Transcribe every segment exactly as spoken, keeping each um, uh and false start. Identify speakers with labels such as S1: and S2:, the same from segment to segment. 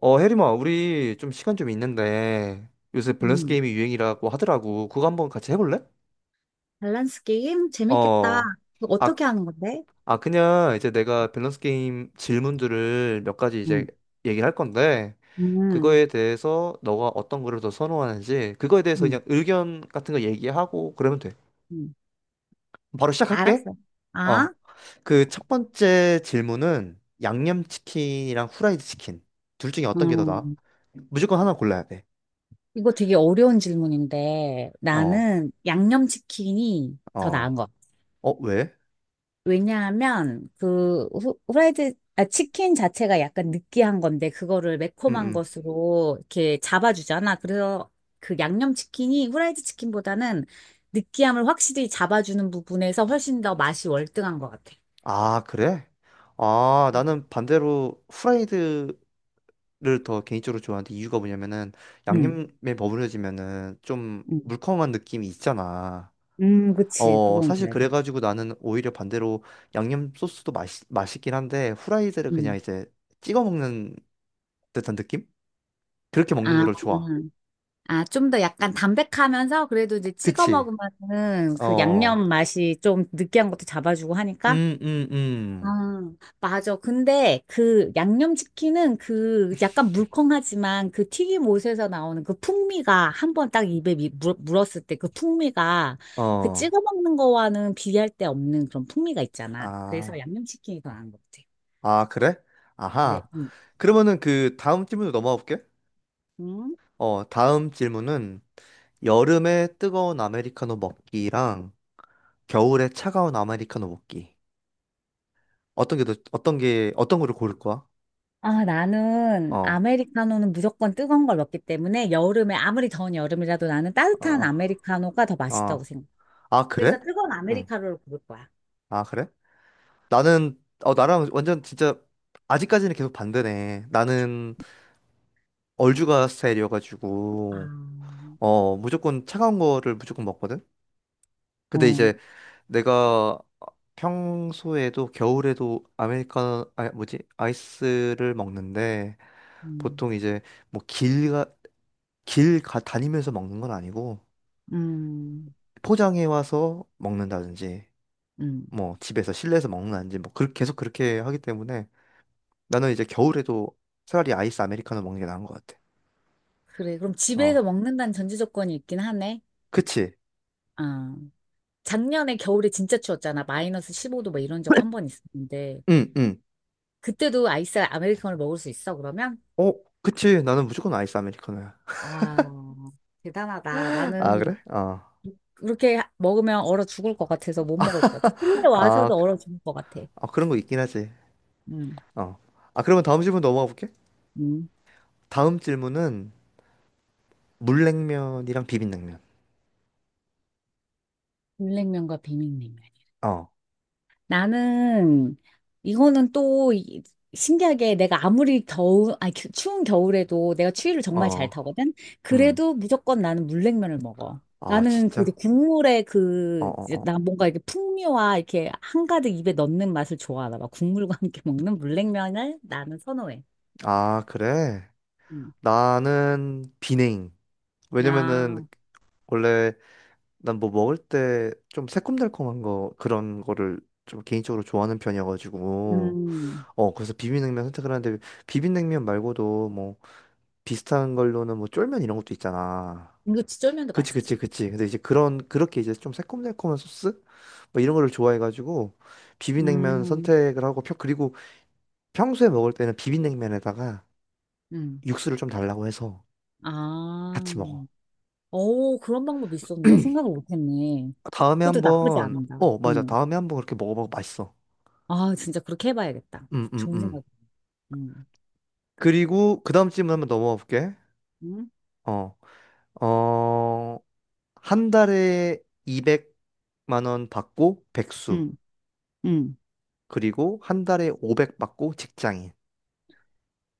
S1: 어, 혜림아, 우리 좀 시간 좀 있는데 요새 밸런스
S2: 음,
S1: 게임이 유행이라고 하더라고. 그거 한번 같이 해볼래?
S2: 밸런스 게임? 재밌겠다.
S1: 어.
S2: 그거
S1: 아,
S2: 어떻게 하는 건데?
S1: 아, 그냥 이제 내가 밸런스 게임 질문들을 몇 가지 이제
S2: 음,
S1: 얘기할 건데
S2: 음,
S1: 그거에 대해서 너가 어떤 거를 더 선호하는지 그거에 대해서
S2: 음,
S1: 그냥 의견 같은 거 얘기하고 그러면 돼.
S2: 음,
S1: 바로 시작할게.
S2: 알았어. 아,
S1: 어. 그 첫 번째 질문은 양념치킨이랑 후라이드 치킨 둘 중에 어떤 게 더 나아?
S2: 음.
S1: 무조건 하나 골라야 돼.
S2: 이거 되게 어려운 질문인데
S1: 어.
S2: 나는 양념치킨이 더 나은
S1: 어.
S2: 것 같아.
S1: 어, 왜?
S2: 왜냐하면 그 후- 후라이드, 아, 치킨 자체가 약간 느끼한 건데 그거를
S1: 음,
S2: 매콤한
S1: 음.
S2: 것으로 이렇게 잡아주잖아. 그래서 그 양념치킨이 후라이드 치킨보다는 느끼함을 확실히 잡아주는 부분에서 훨씬 더 맛이 월등한 것 같아.
S1: 아, 그래? 아, 나는 반대로 후라이드를 더 개인적으로 좋아하는데 이유가 뭐냐면은
S2: 음,
S1: 양념에 버무려지면은 좀
S2: 음,
S1: 물컹한 느낌이 있잖아.
S2: 음, 그치,
S1: 어,
S2: 그건
S1: 사실
S2: 그래.
S1: 그래가지고 나는 오히려 반대로 양념 소스도 맛있, 맛있긴 한데 후라이드를 그냥
S2: 음,
S1: 이제 찍어 먹는 듯한 느낌? 그렇게 먹는
S2: 아,
S1: 거를 좋아.
S2: 아, 좀 더 약간 담백하면서 그래도 이제 찍어
S1: 그치?
S2: 먹으면은 그
S1: 어,
S2: 양념 맛이 좀 느끼한 것도 잡아주고 하니까.
S1: 음, 음,
S2: 아,
S1: 음.
S2: 맞아. 근데 그 양념치킨은 그 약간 물컹하지만 그 튀김옷에서 나오는 그 풍미가 한번 딱 입에 미- 물, 물었을 때 그 풍미가 그
S1: 어,
S2: 찍어 먹는 거와는 비교할 데 없는 그런 풍미가 있잖아. 그래서
S1: 아.
S2: 양념치킨이 더 나은 것 같아.
S1: 아, 그래?
S2: 네.
S1: 아하. 그러면은 그 다음 질문으로 넘어가 볼게.
S2: 음.
S1: 어, 다음 질문은 여름에 뜨거운 아메리카노 먹기랑 겨울에 차가운 아메리카노 먹기. 어떤 게 더, 어떤 게, 어떤 거를 고를 거야?
S2: 아, 나는
S1: 어,
S2: 아메리카노는 무조건 뜨거운 걸 먹기 때문에 여름에 아무리 더운 여름이라도 나는 따뜻한
S1: 어,
S2: 아메리카노가 더 맛있다고
S1: 어.
S2: 생각해.
S1: 아, 그래?
S2: 그래서 뜨거운
S1: 응.
S2: 아메리카노를 고를 거야.
S1: 아, 그래? 나는, 어, 나랑 완전 진짜 아직까지는 계속 반대네. 나는 얼죽아
S2: 아,
S1: 스타일이어가지고, 어, 무조건 차가운 거를 무조건 먹거든? 근데
S2: 어,
S1: 이제 내가 평소에도 겨울에도 아메리카노 아 뭐지 아이스를 먹는데
S2: 음,
S1: 보통 이제 뭐 길가 길 가, 다니면서 먹는 건 아니고
S2: 음,
S1: 포장해 와서 먹는다든지
S2: 음.
S1: 뭐 집에서 실내에서 먹는다든지 뭐 그렇게 계속 그렇게 하기 때문에 나는 이제 겨울에도 차라리 아이스 아메리카노 먹는 게 나은 것 같아.
S2: 그래, 그럼 집에서
S1: 어,
S2: 먹는다는 전제 조건이 있긴 하네.
S1: 그치?
S2: 아, 작년에 겨울에 진짜 추웠잖아. 마이너스 십오 도 뭐 이런 적 한 번 있었는데.
S1: 응, 응.
S2: 그때도 아이스 아메리카노를 먹을 수 있어, 그러면?
S1: 어, 그치. 나는 무조건 아이스 아메리카노야.
S2: 와, 대단하다.
S1: 아, 그래?
S2: 나는
S1: 어.
S2: 그렇게 먹으면 얼어 죽을 것 같아서 못 먹을 것 같아. 실내
S1: 아,
S2: 와서도
S1: 그-
S2: 얼어 죽을 것 같아.
S1: 아, 그런 거 있긴 하지.
S2: 음,
S1: 어. 아, 그러면 다음 질문 넘어가 볼게.
S2: 음.
S1: 다음 질문은 물냉면이랑 비빔냉면.
S2: 물냉면과 비빔냉면.
S1: 어,
S2: 나는 이거는 또 이- 신기하게 내가 아무리 더운, 아니 추- 추운 겨울에도 내가 추위를 정말 잘
S1: 어,
S2: 타거든.
S1: 음.
S2: 그래도 무조건 나는 물냉면을 먹어.
S1: 아,
S2: 나는 그 이제
S1: 진짜?
S2: 국물의
S1: 어,
S2: 그,
S1: 어,
S2: 이제 나
S1: 어.
S2: 뭔가 이렇게 풍미와 이렇게 한가득 입에 넣는 맛을 좋아하나 봐. 국물과 함께 먹는 물냉면을 나는 선호해.
S1: 아, 그래?
S2: 음.
S1: 나는 비냉. 왜냐면은
S2: 아,
S1: 원래 난 뭐 먹을 때 좀 새콤달콤한 거 그런 거를 좀 개인적으로 좋아하는 편이어가지고
S2: 음.
S1: 어 그래서 비빔냉면 선택을 하는데 비빔냉면 말고도 뭐 비슷한 걸로는 뭐 쫄면 이런 것도 있잖아.
S2: 이거 치 쫄면 도
S1: 그치, 그치,
S2: 맛있지.
S1: 그치. 근데 이제 그런, 그렇게 이제 좀 새콤달콤한 소스? 뭐 이런 거를 좋아해가지고, 비빔냉면
S2: 음,
S1: 선택을 하고, 펴, 그리고 평소에 먹을 때는 비빔냉면에다가
S2: 음.
S1: 육수를 좀 달라고 해서
S2: 아,
S1: 같이 먹어.
S2: 오, 그런 방법이 있었네. 생각을 못했네.
S1: 다음에
S2: 그것도 나쁘지
S1: 한번,
S2: 않은다.
S1: 어, 맞아.
S2: 응.
S1: 다음에 한번 그렇게 먹어봐도 맛있어.
S2: 아, 진짜 그렇게 해봐야겠다.
S1: 음, 음,
S2: 좋은
S1: 음.
S2: 생각. 응,
S1: 그리고 그 다음 질문 한번 넘어가 볼게.
S2: 음? 응,
S1: 어, 어, 한 달에 이백만 원 받고 백수.
S2: 응. 응.
S1: 그리고 한 달에 오백 받고 직장인.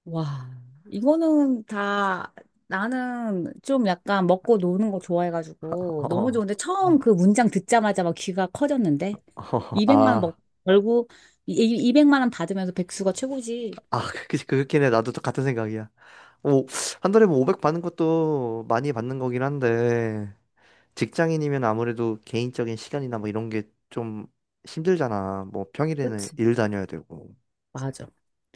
S2: 와, 이거는 다 나는 좀 약간 먹고 노는 거 좋아해가지고 너무
S1: 어,
S2: 좋은데 처음 그 문장 듣자마자 막 귀가 커졌는데
S1: 어,
S2: 200만 원
S1: 아.
S2: 먹, 벌고 이- 이- 이백만 원 받으면서 백수가 최고지.
S1: 아, 그, 그렇긴 해. 나도 또 같은 생각이야. 오, 한 달에 뭐 오백 받는 것도 많이 받는 거긴 한데, 직장인이면 아무래도 개인적인 시간이나 뭐 이런 게 좀 힘들잖아. 뭐 평일에는
S2: 그치.
S1: 일 다녀야 되고.
S2: 맞아.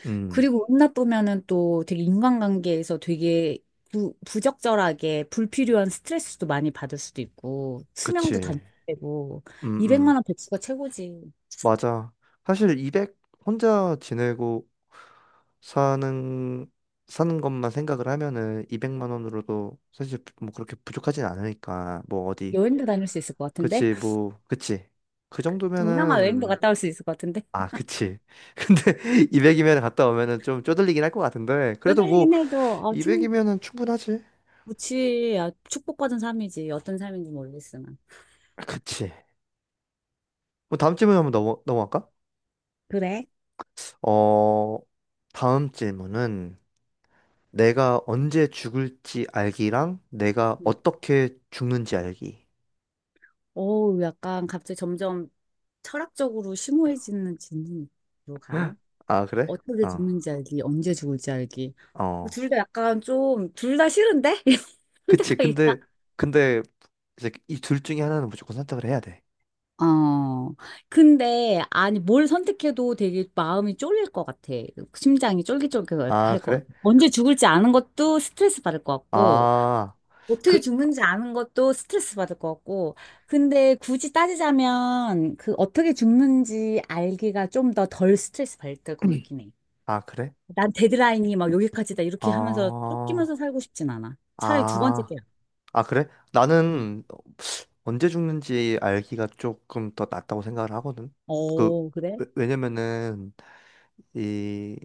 S1: 음,
S2: 그리고 은둔하면은 또 되게 인간관계에서 되게 부, 부적절하게 불필요한 스트레스도 많이 받을 수도 있고 수명도
S1: 그치.
S2: 단축되고
S1: 음,
S2: 이백만
S1: 음,
S2: 원 배치가 최고지.
S1: 맞아. 사실 이백 혼자 지내고 사는, 사는 것만 생각을 하면은 이백만 원으로도 사실 뭐 그렇게 부족하진 않으니까. 뭐 어디.
S2: 여행도 다닐 수 있을 것 같은데?
S1: 그치, 뭐, 그치. 그
S2: 동남아 여행도
S1: 정도면은
S2: 갔다 올 수 있을 것 같은데?
S1: 아, 그치. 근데 이백이면 갔다 오면은 좀 쪼들리긴 할 것 같은데 그래도 뭐
S2: 쪼들리긴 해도 어, 충,
S1: 이백이면은 충분하지.
S2: 그치. 아, 축복받은 삶이지. 어떤 삶인지 모르겠으나.
S1: 그치. 뭐 다음 질문 한번 넘어 넘어갈까?
S2: 그래?
S1: 어, 다음 질문은 내가 언제 죽을지 알기랑 내가
S2: 응.
S1: 어떻게 죽는지 알기.
S2: 어우, 약간 갑자기 점점 철학적으로 심오해지는 진로 가네.
S1: 아, 그래?
S2: 어떻게
S1: 어,
S2: 죽는지 알기, 언제 죽을지 알기. 뭐
S1: 어.
S2: 둘다 약간 좀, 둘 다 싫은데? 이런
S1: 그치.
S2: 생각이 나.
S1: 근데 근데 이제 이 둘 중에 하나는 무조건 선택을 해야 돼.
S2: 어. 근데, 아니, 뭘 선택해도 되게 마음이 쫄릴 것 같아. 심장이 쫄깃쫄깃할
S1: 아,
S2: 것 같아.
S1: 그래?
S2: 언제 죽을지 아는 것도 스트레스 받을 것 같고,
S1: 아,
S2: 어떻게
S1: 그,
S2: 죽는지 아는 것도 스트레스 받을 것 같고, 근데 굳이 따지자면, 그 어떻게 죽는지 알기가 좀 더 덜 스트레스 받을 것 같긴 해.
S1: 아, 그래?
S2: 난 데드라인이 막 여기까지다 이렇게 하면서 쫓기면서
S1: 어,
S2: 살고 싶진 않아. 차라리 두 번째
S1: 아.
S2: 게.
S1: 아, 그래?
S2: 응.
S1: 나는 언제 죽는지 알기가 조금 더 낫다고 생각을 하거든. 그,
S2: 어, 그래?
S1: 왜- 왜냐면은 이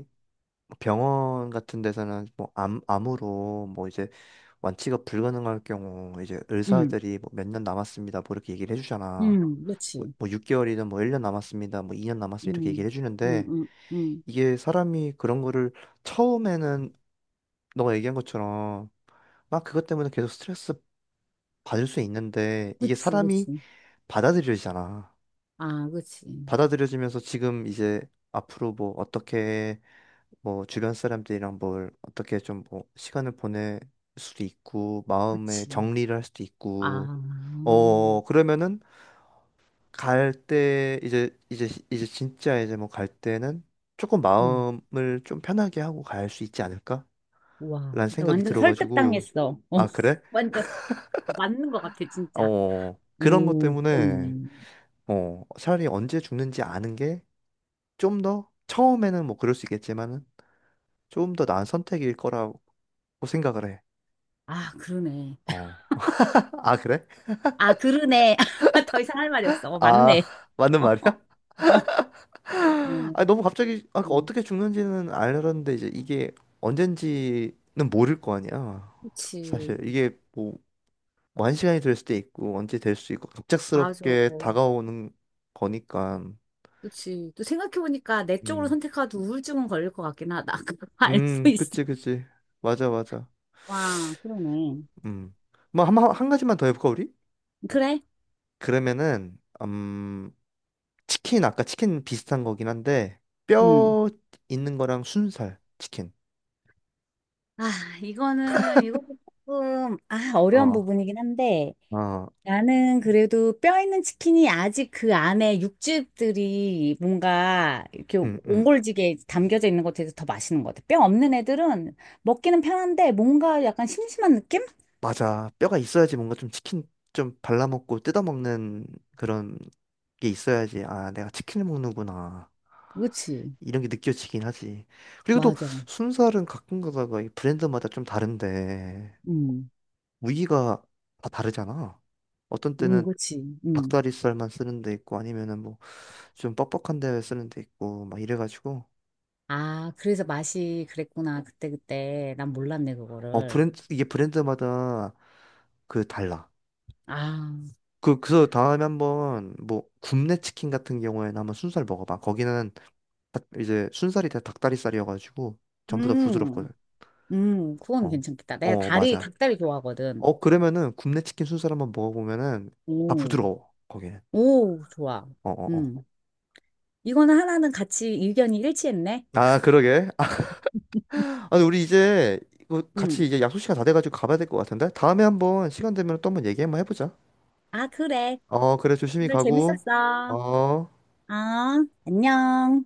S1: 병원 같은 데서는 뭐 암, 암으로 뭐 이제 완치가 불가능할 경우 이제
S2: 응,
S1: 의사들이 뭐 몇 년 남았습니다. 뭐 이렇게 얘기를 해주잖아.
S2: 응,
S1: 뭐,
S2: 그렇지.
S1: 뭐 육 개월이든 뭐 일 년 남았습니다. 뭐 이 년 남았습니다. 이렇게 얘기를
S2: 응, 응,
S1: 해주는데
S2: 응, 응.
S1: 이게 사람이 그런 거를 처음에는 너가 얘기한 것처럼 막 그것 때문에 계속 스트레스 받을 수 있는데 이게
S2: 그치,
S1: 사람이
S2: 그치.
S1: 받아들여지잖아.
S2: 아, 그치.
S1: 받아들여지면서 지금 이제 앞으로 뭐 어떻게 뭐 주변 사람들이랑 뭘 어떻게 좀 뭐 시간을 보낼 수도 있고 마음의
S2: 그치.
S1: 정리를 할 수도 있고
S2: 아,
S1: 어 그러면은 갈 때 이제 이제 이제 진짜 이제 뭐 갈 때는 조금
S2: 응.
S1: 마음을 좀 편하게 하고 갈 수 있지 않을까?
S2: 와,
S1: 라는
S2: 나
S1: 생각이
S2: 완전
S1: 들어가지고.
S2: 설득당했어. 어,
S1: 아, 그래?
S2: 완전 맞는 것 같아, 진짜.
S1: 어 그런 것
S2: 오,
S1: 때문에
S2: 그러네.
S1: 어 차라리 언제 죽는지 아는 게 좀 더 처음에는 뭐 그럴 수 있겠지만은 좀 더 나은 선택일 거라고 생각을 해.
S2: 아, 그러네.
S1: 어. 아, 그래?
S2: 아, 그러네. 더 이상 할 말이 없어. 어,
S1: 아,
S2: 맞네.
S1: 맞는
S2: 어,
S1: 말이야?
S2: 어, 어.
S1: 아, 너무 갑자기 아, 그
S2: 음.
S1: 어떻게 죽는지는 알았는데 이제 이게 언젠지는 모를 거 아니야. 사실
S2: 그치.
S1: 이게 뭐 완시간이 될 수도 있고 언제 될 수 있고
S2: 맞아.
S1: 갑작스럽게 다가오는 거니까.
S2: 그치. 또 생각해보니까 내 쪽으로
S1: 음.
S2: 선택하도 우울증은 걸릴 것 같긴 하다. 그거 알수
S1: 음,
S2: 있어.
S1: 그치, 그치. 맞아, 맞아.
S2: 와, 그러네.
S1: 음. 뭐 한, 한 가지만 더 해볼까 우리?
S2: 그래?
S1: 그러면은 음 치킨, 아까 치킨 비슷한 거긴 한데,
S2: 음.
S1: 뼈 있는 거랑 순살, 치킨.
S2: 아, 이거는, 이것도 조금, 아, 어려운
S1: 어,
S2: 부분이긴 한데,
S1: 어,
S2: 나는 그래도 뼈 있는 치킨이 아직 그 안에 육즙들이 뭔가 이렇게
S1: 응, 응.
S2: 옹골지게 담겨져 있는 것에 대해서 더 맛있는 것 같아. 뼈 없는 애들은 먹기는 편한데 뭔가 약간 심심한 느낌?
S1: 맞아. 뼈가 있어야지 뭔가 좀 치킨 좀 발라먹고 뜯어먹는 그런 게 있어야지. 아, 내가 치킨을 먹는구나.
S2: 그치.
S1: 이런 게 느껴지긴 하지. 그리고 또
S2: 맞아.
S1: 순살은 가끔 가다가 이 브랜드마다 좀 다른데,
S2: 음.
S1: 무늬가 다 다르잖아. 어떤
S2: 음,
S1: 때는
S2: 그치. 음.
S1: 닭다리살만 쓰는 데 있고, 아니면은 뭐 좀 뻑뻑한 데 쓰는 데 있고, 막 이래가지고.
S2: 아, 그래서 맛이 그랬구나. 그때그때. 난 몰랐네,
S1: 어,
S2: 그거를.
S1: 브랜드, 이게 브랜드마다 그 달라.
S2: 아,
S1: 그, 그래서 다음에 한번 뭐 굽네 치킨 같은 경우에는 한번 순살 먹어봐. 거기는 다- 이제 순살이 다 닭다리살이어가지고 전부 다 부드럽거든.
S2: 음, 음, 그건
S1: 어,
S2: 괜찮겠다. 내가
S1: 어,
S2: 다리,
S1: 맞아.
S2: 닭다리 좋아하거든.
S1: 어, 그러면은 굽네 치킨 순살 한번 먹어보면은 다
S2: 오,
S1: 부드러워. 거기는.
S2: 오, 좋아.
S1: 어, 어, 어.
S2: 음. 이거는 하나는 같이 의견이 일치했네.
S1: 아, 그러게. 아, 아니, 우리 이제 이거 같이
S2: 음.
S1: 이제 약속 시간 다 돼가지고 가봐야 될 것 같은데? 다음에 한번 시간 되면 또 한번 얘기 한번 해보자.
S2: 아, 그래.
S1: 어, 그래, 조심히
S2: 오늘
S1: 가고.
S2: 재밌었어.
S1: 어.
S2: 아, 안녕.